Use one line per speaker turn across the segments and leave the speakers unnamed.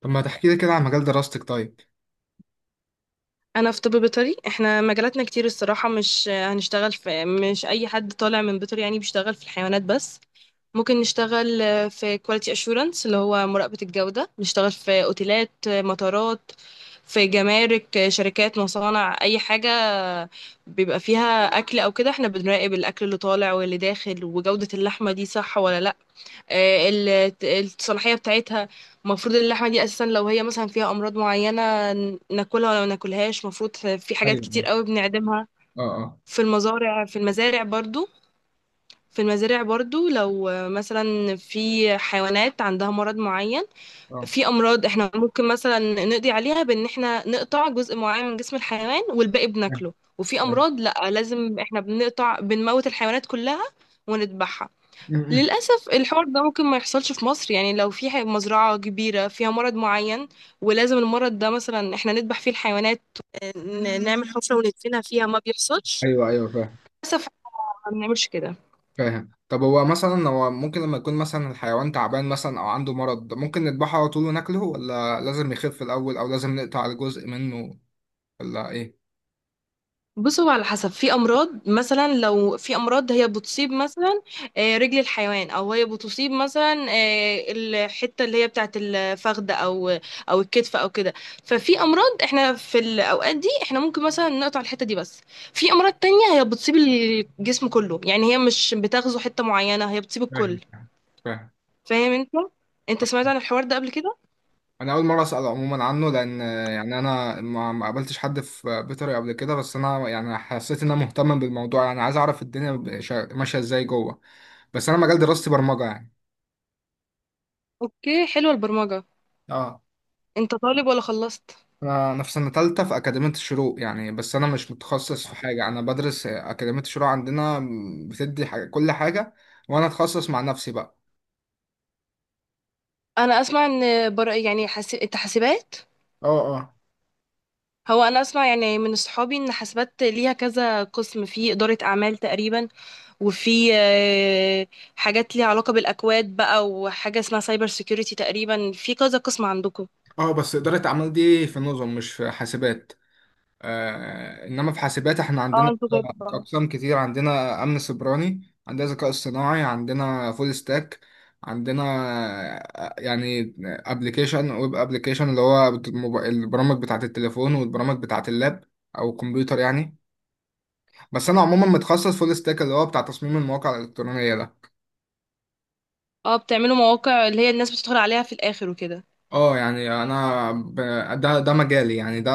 طب ما تحكي لي كده عن مجال دراستك طيب؟
انا في طب بيطري. احنا مجالاتنا كتير الصراحه، مش هنشتغل في، مش اي حد طالع من بيطري يعني بيشتغل في الحيوانات بس. ممكن نشتغل في كواليتي اشورنس اللي هو مراقبه الجوده، نشتغل في اوتيلات، مطارات، في جمارك، شركات، مصانع، اي حاجه بيبقى فيها اكل او كده. احنا بنراقب الاكل اللي طالع واللي داخل، وجوده اللحمه دي صح ولا لا. الصلاحية بتاعتها. المفروض اللحمة دي أساسا لو هي مثلا فيها أمراض معينة ناكلها ولا ما ناكلهاش. المفروض في حاجات كتير
ايوه.
قوي بنعدمها.
اه، اه.
في المزارع في المزارع برضو في المزارع برضو، لو مثلا في حيوانات عندها مرض معين.
اه،
في أمراض احنا ممكن مثلا نقضي عليها بإن احنا نقطع جزء معين من جسم الحيوان والباقي
فاهم.
بناكله، وفي
فاهم.
أمراض لأ، لازم احنا بنموت الحيوانات كلها ونذبحها.
م-م.
للأسف الحوار ده ممكن ما يحصلش في مصر، يعني لو في مزرعة كبيرة فيها مرض معين، ولازم المرض ده مثلا احنا نذبح فيه الحيوانات، نعمل حفرة وندفنها فيها، ما بيحصلش
ايوه، ايوه، فاهم.
للأسف. ما بنعملش كده.
فاهم. طب هو مثلا هو ممكن لما يكون مثلا الحيوان تعبان مثلا او عنده مرض ممكن نذبحه على طول وناكله، ولا لازم يخف الاول، او لازم نقطع جزء منه، ولا ايه؟
بص هو على حسب، في امراض مثلا، لو في امراض هي بتصيب مثلا رجل الحيوان، او هي بتصيب مثلا الحته اللي هي بتاعه الفخذ او او الكتف او كده. ففي امراض احنا في الاوقات دي احنا ممكن مثلا نقطع الحته دي بس. في امراض تانية هي بتصيب الجسم كله، يعني هي مش بتغزو حته معينه، هي بتصيب
فاهم.
الكل.
فاهم.
فاهم انت؟ انت سمعت عن الحوار ده قبل كده؟
انا اول مره اسال عموما عنه، لان يعني انا ما قابلتش حد في بيطري قبل كده، بس انا يعني حسيت ان انا مهتم بالموضوع، يعني عايز اعرف الدنيا ماشيه ازاي جوه. بس انا مجال دراستي برمجه يعني.
اوكي، حلوه البرمجه.
اه.
انت طالب ولا خلصت؟
انا في سنة تالتة في أكاديمية الشروق يعني، بس انا مش متخصص في حاجة، انا بدرس أكاديمية الشروق عندنا بتدي حاجة كل حاجة، وانا اتخصص مع نفسي بقى.
انا اسمع ان يعني حاسب، انت حاسبات.
اه، اه.
هو انا اسمع يعني من صحابي ان حاسبات ليها كذا قسم، في اداره اعمال تقريبا، وفي حاجات ليها علاقه بالاكواد بقى، وحاجه اسمها سايبر سيكيورتي، تقريبا في كذا قسم عندكم.
اه بس إدارة أعمال دي في نظم مش في حاسبات. آه، إنما في حاسبات إحنا
اه
عندنا
انتوا غير بعض.
أقسام كتير، عندنا أمن سيبراني، عندنا ذكاء اصطناعي، عندنا فول ستاك، عندنا يعني أبلكيشن، ويب أبلكيشن، اللي هو البرامج بتاعة التليفون والبرامج بتاعة اللاب أو الكمبيوتر يعني. بس انا عموما متخصص فول ستاك، اللي هو بتاع تصميم المواقع الالكترونيه ده.
اه، بتعملوا مواقع اللي هي الناس بتدخل عليها في الاخر وكده.
اه يعني ده مجالي يعني ده.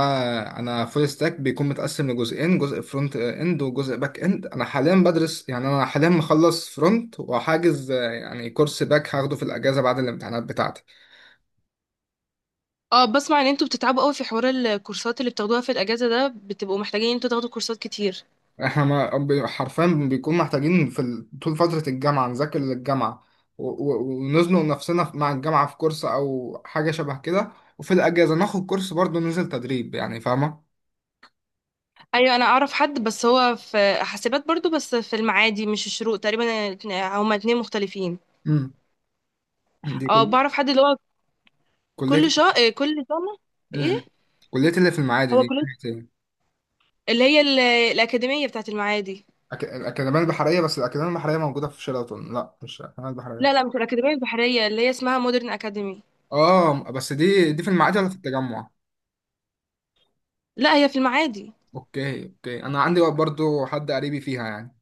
انا فول ستاك بيكون متقسم لجزئين، جزء فرونت اند وجزء باك اند، انا حاليا بدرس، يعني انا حاليا مخلص فرونت وحاجز يعني كورس باك هاخده في الاجازه بعد الامتحانات بتاعتي.
اه، بسمع ان انتوا بتتعبوا قوي في حوار الكورسات اللي بتاخدوها في الاجازه ده، بتبقوا محتاجين ان انتوا تاخدوا كورسات كتير.
احنا ما... بي- حرفيا بيكون محتاجين طول فتره الجامعه نذاكر للجامعه، ونزنق نفسنا مع الجامعه في كورس او حاجه شبه كده، وفي الأجازة ناخد كورس برضه، ننزل تدريب يعني، فاهمة؟
ايوه انا اعرف حد بس هو في حاسبات برضو، بس في المعادي مش الشروق تقريبا. هما اتنين مختلفين.
امم. دي
اه
كل
بعرف حد اللي هو
كلية.
كل شهر، إيه، كل سنة، ايه.
امم. كلية اللي في المعادي
هو
دي
كل،
بتاعت إيه؟
اللي هي الأكاديمية بتاعت المعادي.
الأكاديمية البحرية؟ بس الأكاديمية البحرية موجودة في شيراتون. لا، مش الأكاديمية البحرية.
لا لا، مش الأكاديمية البحرية، اللي هي اسمها مودرن أكاديمي.
اه، بس دي في المعادي ولا في التجمع؟
لا هي في المعادي.
اوكي، اوكي، انا عندي برضو حد قريبي فيها يعني.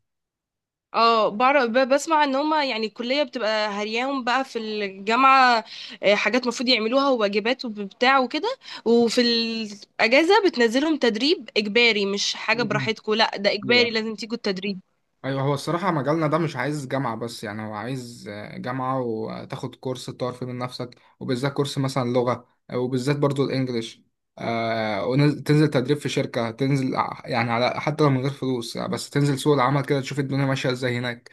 اه بعرف، بسمع ان هما يعني الكلية بتبقى هرياهم بقى في الجامعة، حاجات مفروض يعملوها، وواجبات، وبتاع وكده. وفي الأجازة بتنزلهم تدريب إجباري، مش حاجة
مم.
براحتكم، لا ده إجباري
أيوة.
لازم تيجوا التدريب.
ايوه هو الصراحه مجالنا ده مش عايز جامعه بس، يعني هو عايز جامعه، وتاخد كورس تطور فيه من نفسك، وبالذات كورس مثلا لغه، وبالذات برضو الانجليش، وتنزل تدريب في شركه، يعني على حتى لو من غير فلوس، بس تنزل سوق العمل كده تشوف الدنيا ماشيه ازاي هناك.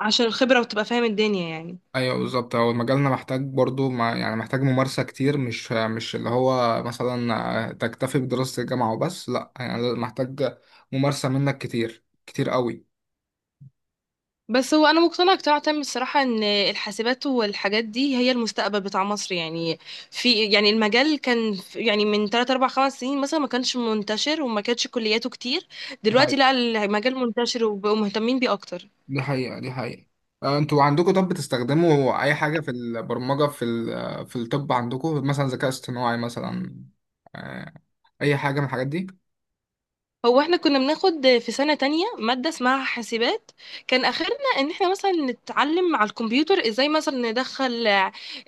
عشان الخبرة وتبقى فاهم الدنيا يعني.
ايوه بالظبط، هو مجالنا محتاج برضو، ما يعني محتاج ممارسه كتير، مش اللي هو مثلا تكتفي بدراسه الجامعه وبس، لا يعني محتاج ممارسه منك كتير كتير قوي.
بس هو انا مقتنعه اقتناع تام الصراحه ان الحاسبات والحاجات دي هي المستقبل بتاع مصر يعني. في يعني المجال كان يعني من 3 4 5 سنين مثلا ما كانش منتشر وما كانتش كلياته كتير. دلوقتي لا، المجال منتشر وبقوا مهتمين بيه اكتر.
دي حقيقة، دي حقيقة. انتوا عندكم طب بتستخدموا اي حاجة في البرمجة، في الطب عندكم مثلا ذكاء اصطناعي مثلا، آه، اي حاجة من الحاجات دي؟
هو احنا كنا بناخد في سنة تانية مادة اسمها حاسبات. كان اخرنا ان احنا مثلا نتعلم على الكمبيوتر ازاي مثلا ندخل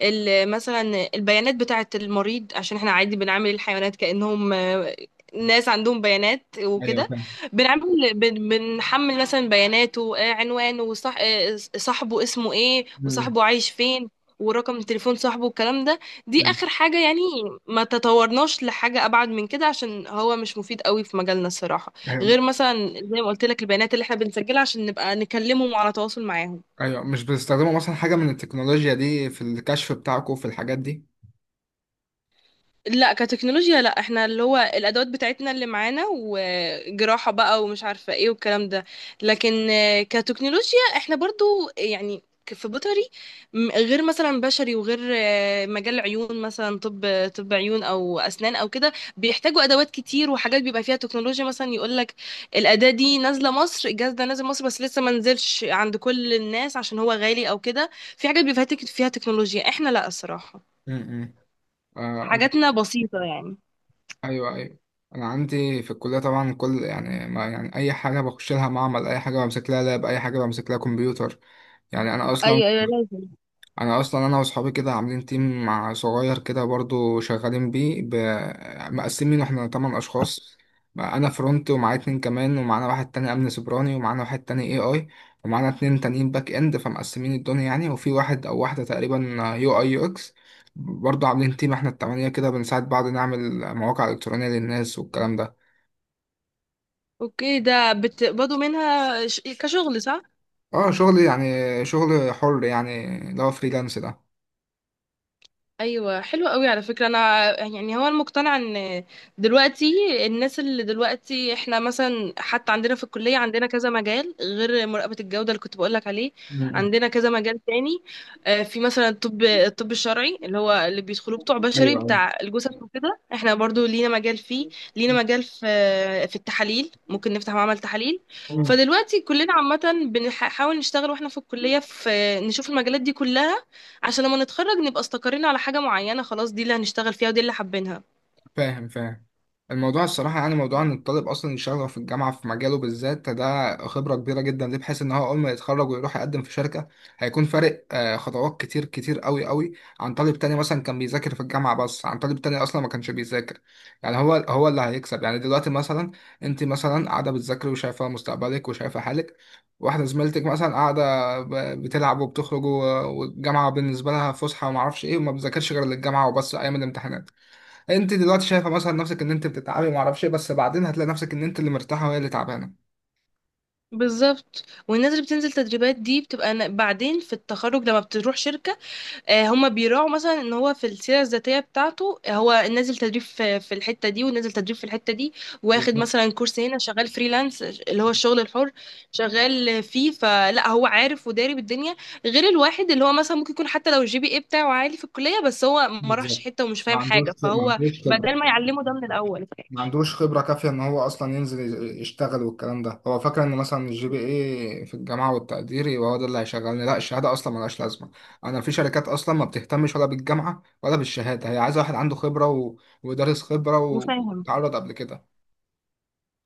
مثلا البيانات بتاعة المريض، عشان احنا عادي بنعامل الحيوانات كأنهم ناس عندهم بيانات
ايوه
وكده.
فاهم.
بنعمل، بنحمل مثلا بياناته، عنوانه، وصاحبه اسمه ايه،
مم.
وصاحبه عايش فين، ورقم تليفون صاحبه، والكلام ده. دي
مم.
اخر حاجة يعني. ما تطورناش لحاجة ابعد من كده عشان هو مش مفيد قوي في مجالنا الصراحة. غير
ايوه.
مثلا زي ما قلت لك، البيانات اللي احنا بنسجلها عشان نبقى نكلمهم، على تواصل معاهم.
أيوة، مش بتستخدموا مثلا حاجة من التكنولوجيا دي في الكشف بتاعكم في الحاجات دي؟
لا، كتكنولوجيا لا، احنا اللي هو الادوات بتاعتنا اللي معانا، وجراحة بقى، ومش عارفة ايه والكلام ده. لكن كتكنولوجيا احنا برضو يعني، في بيطري، غير مثلا بشري. وغير مجال عيون مثلا، طب، طب عيون او اسنان او كده، بيحتاجوا ادوات كتير وحاجات بيبقى فيها تكنولوجيا. مثلا يقول لك الاداة دي نازلة مصر، الجهاز ده نازل مصر بس لسه ما نزلش عند كل الناس عشان هو غالي او كده. في حاجات بيبقى فيها فيها تكنولوجيا، احنا لا الصراحة،
امم. آه أنا...
حاجاتنا بسيطة يعني.
ايوه، ايوه، انا عندي في الكلية طبعا كل، يعني ما يعني اي حاجة بخش لها معمل، اي حاجة بمسك لها لاب، اي حاجة بمسك لها كمبيوتر، يعني انا اصلا
ايوه ايوه لازم.
انا واصحابي كده عاملين تيم مع صغير كده برضو شغالين مقسمين احنا تمن اشخاص، بقى انا فرونت ومعايا اتنين كمان، ومعانا واحد تاني امن سيبراني، ومعانا واحد تاني اي اي، ومعانا اتنين تانيين باك اند، فمقسمين الدنيا يعني، وفي واحد او واحدة تقريبا يو اي يو اكس. برضو عاملين تيم احنا التمانية كده، بنساعد بعض نعمل مواقع الكترونية للناس والكلام ده.
اوكي، ده بتقبضوا منها كشغل صح؟
اه، شغل يعني، شغل حر يعني اللي هو فريلانس ده.
ايوه حلو قوي. على فكره انا يعني هو المقتنع ان دلوقتي، الناس اللي دلوقتي، احنا مثلا حتى عندنا في الكليه عندنا كذا مجال، غير مراقبه الجوده اللي كنت بقولك عليه.
مم.
عندنا كذا مجال تاني. في مثلا الطب، الشرعي، اللي هو اللي بيدخلوه بتوع بشري
ايوه،
بتاع الجثث وكده، احنا برضو لينا مجال فيه. لينا مجال في في التحاليل، ممكن نفتح معمل تحاليل.
ايوه،
فدلوقتي كلنا عامه بنحاول نشتغل واحنا في الكليه، في نشوف المجالات دي كلها، عشان لما نتخرج نبقى استقرينا على حاجة معينة، خلاص دي اللي هنشتغل فيها ودي اللي حابينها.
فاهم. فاهم. الموضوع الصراحة يعني موضوع إن الطالب أصلا يشتغل في الجامعة في مجاله بالذات، ده خبرة كبيرة جدا ليه، بحيث إن هو أول ما يتخرج ويروح يقدم في شركة هيكون فارق خطوات كتير كتير أوي أوي عن طالب تاني مثلا كان بيذاكر في الجامعة بس، عن طالب تاني أصلا ما كانش بيذاكر. يعني هو اللي هيكسب يعني. دلوقتي مثلا أنت مثلا قاعدة بتذاكري وشايفة مستقبلك وشايفة حالك، واحدة زميلتك مثلا قاعدة بتلعب وبتخرج، والجامعة بالنسبة لها فسحة ومعرفش إيه، وما بتذاكرش غير للجامعة وبس أيام الامتحانات. انت دلوقتي شايفه مثلا نفسك ان انت بتتعبي ما اعرفش ايه، بس بعدين هتلاقي نفسك ان انت اللي مرتاحه وهي اللي تعبانه.
بالظبط، والناس اللي بتنزل تدريبات دي بتبقى، بعدين في التخرج لما بتروح شركة، هما بيراعوا مثلا ان هو في السيره الذاتيه بتاعته هو نازل تدريب في في الحته دي ونازل تدريب في الحته دي، واخد
بالظبط.
مثلا كورس هنا، شغال فريلانس اللي هو الشغل الحر شغال فيه. فلا هو عارف وداري بالدنيا، غير الواحد اللي هو مثلا ممكن يكون حتى لو الجي بي اي بتاعه عالي في الكليه، بس هو ما راحش
بالظبط.
حته ومش
ما
فاهم
عندوش،
حاجه،
ما
فهو
عندوش خبره،
بدل ما يعلمه ده من الاول.
ما عندوش خبره كافيه ان هو اصلا يشتغل، والكلام ده. هو فاكر ان مثلا الجي بي اي في الجامعه والتقدير يبقى هو ده اللي هيشغلني، لا، الشهاده اصلا ملهاش لازمه. انا في شركات اصلا ما بتهتمش ولا بالجامعه ولا بالشهاده، هي عايزه واحد عنده خبره ودارس خبره
وفاهم،
وتعرض قبل كده.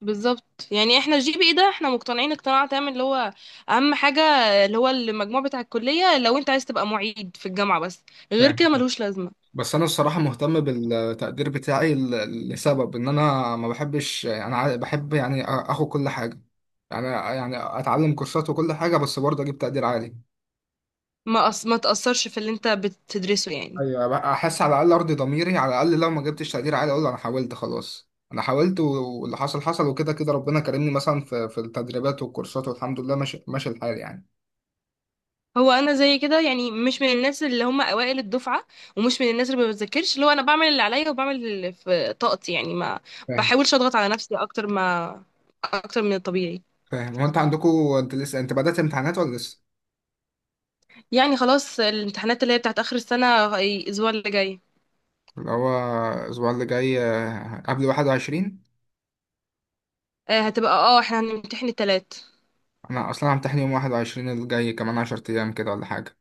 بالظبط. يعني احنا الجي بي اي ده احنا مقتنعين اقتناع تام اللي هو اهم حاجه، اللي هو المجموع بتاع الكليه، لو انت عايز تبقى معيد في الجامعه بس، غير
فاهم.
كده ملوش لازمه.
بس انا الصراحه مهتم بالتقدير بتاعي، لسبب ان انا ما بحبش، بحب يعني اخد كل حاجه، يعني اتعلم كورسات وكل حاجه، بس برضه اجيب تقدير عالي،
ما تاثرش في اللي انت بتدرسه يعني.
ايوه بقى. احس على الاقل ارضي ضميري، على الاقل لو ما جبتش تقدير عالي اقول انا حاولت، خلاص، انا حاولت، واللي حصل حصل، وكده كده ربنا كرمني مثلا في التدريبات والكورسات، والحمد لله ماشي، ماشي الحال يعني.
هو انا زي كده يعني، مش من الناس اللي هم اوائل الدفعه، ومش من الناس اللي ما بتذاكرش، اللي هو انا بعمل اللي عليا وبعمل اللي في طاقتي يعني، ما
فاهم.
بحاولش اضغط على نفسي اكتر ما اكتر من الطبيعي.
فاهم. هو انت عندكم، انت لسه، انت بدأت امتحانات ولا لسه؟
يعني خلاص، الامتحانات اللي هي بتاعت اخر السنه الاسبوع اللي جاي،
اللي هو الاسبوع اللي جاي قبل 21؟
هتبقى. احنا هنمتحن التلات.
انا اصلا همتحن يوم 21 الجاي، كمان 10 ايام كده ولا حاجه.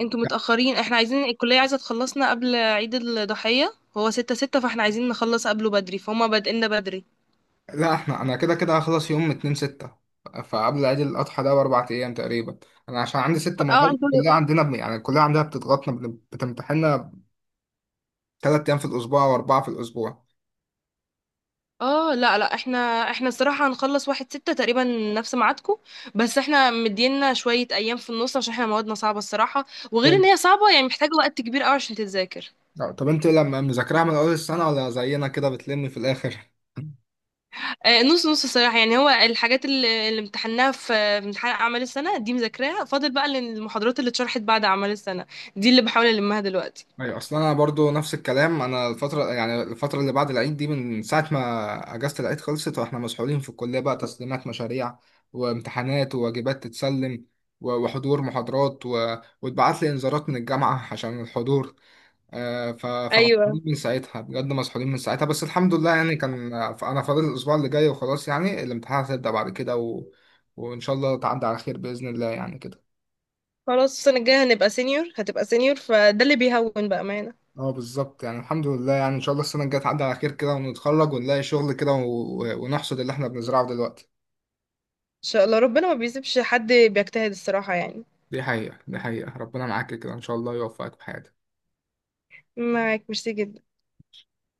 انتوا
لا،
متأخرين، احنا عايزين، الكلية عايزة تخلصنا قبل عيد الضحية، هو ستة ستة، فاحنا عايزين نخلص قبله بدري، فهم بادئنا بدري.
لا، انا كده كده هخلص يوم 2 6، فقبل عيد الاضحى ده باربع ايام تقريبا. انا عشان عندي ست
ف-
مواد،
اه انتوا
الكليه عندنا يعني الكليه عندنا بتضغطنا، بتمتحننا ثلاث ايام في الاسبوع واربعه في الاسبوع.
اه لا لا احنا، احنا الصراحة هنخلص واحد ستة تقريبا، نفس ميعادكم، بس احنا مدينا شوية ايام في النص عشان احنا موادنا صعبة الصراحة. وغير
طب،
ان هي صعبة يعني محتاجة وقت كبير قوي عشان تتذاكر.
انت لما مذاكراها من اول السنه ولا زينا كده بتلمي في الاخر؟
نص نص الصراحة يعني. هو الحاجات اللي امتحناها في في امتحان أعمال السنة دي مذاكراها، فاضل بقى المحاضرات اللي اتشرحت بعد أعمال السنة، دي اللي بحاول ألمها دلوقتي.
ايوه، اصلا انا برضو نفس الكلام. انا الفتره، يعني الفتره اللي بعد العيد دي، من ساعه ما اجازه العيد خلصت واحنا مسحولين في الكليه بقى، تسليمات مشاريع وامتحانات وواجبات تتسلم، وحضور محاضرات واتبعت لي انذارات من الجامعه عشان الحضور.
ايوه.
فمسحولين من ساعتها بجد، مسحولين من ساعتها، بس الحمد لله يعني، كان انا فاضل الاسبوع اللي جاي وخلاص، يعني الامتحانات هتبدا بعد كده، وان شاء الله تعدي على خير باذن الله يعني كده.
خلاص السنة الجاية هنبقى سينيور، هتبقى سينيور، فده اللي بيهون بأمانة. ان
اه بالظبط، يعني الحمد لله، يعني ان شاء الله السنه الجايه تعدي على خير كده، ونتخرج ونلاقي شغل كده، ونحصد اللي احنا بنزرعه دلوقتي.
شاء الله، ربنا ما بيسيبش حد بيجتهد الصراحة يعني.
دي حقيقه، دي حقيقه، ربنا معاك كده، ان شاء الله يوفقك في حياتك.
معاك، ميرسي جدا.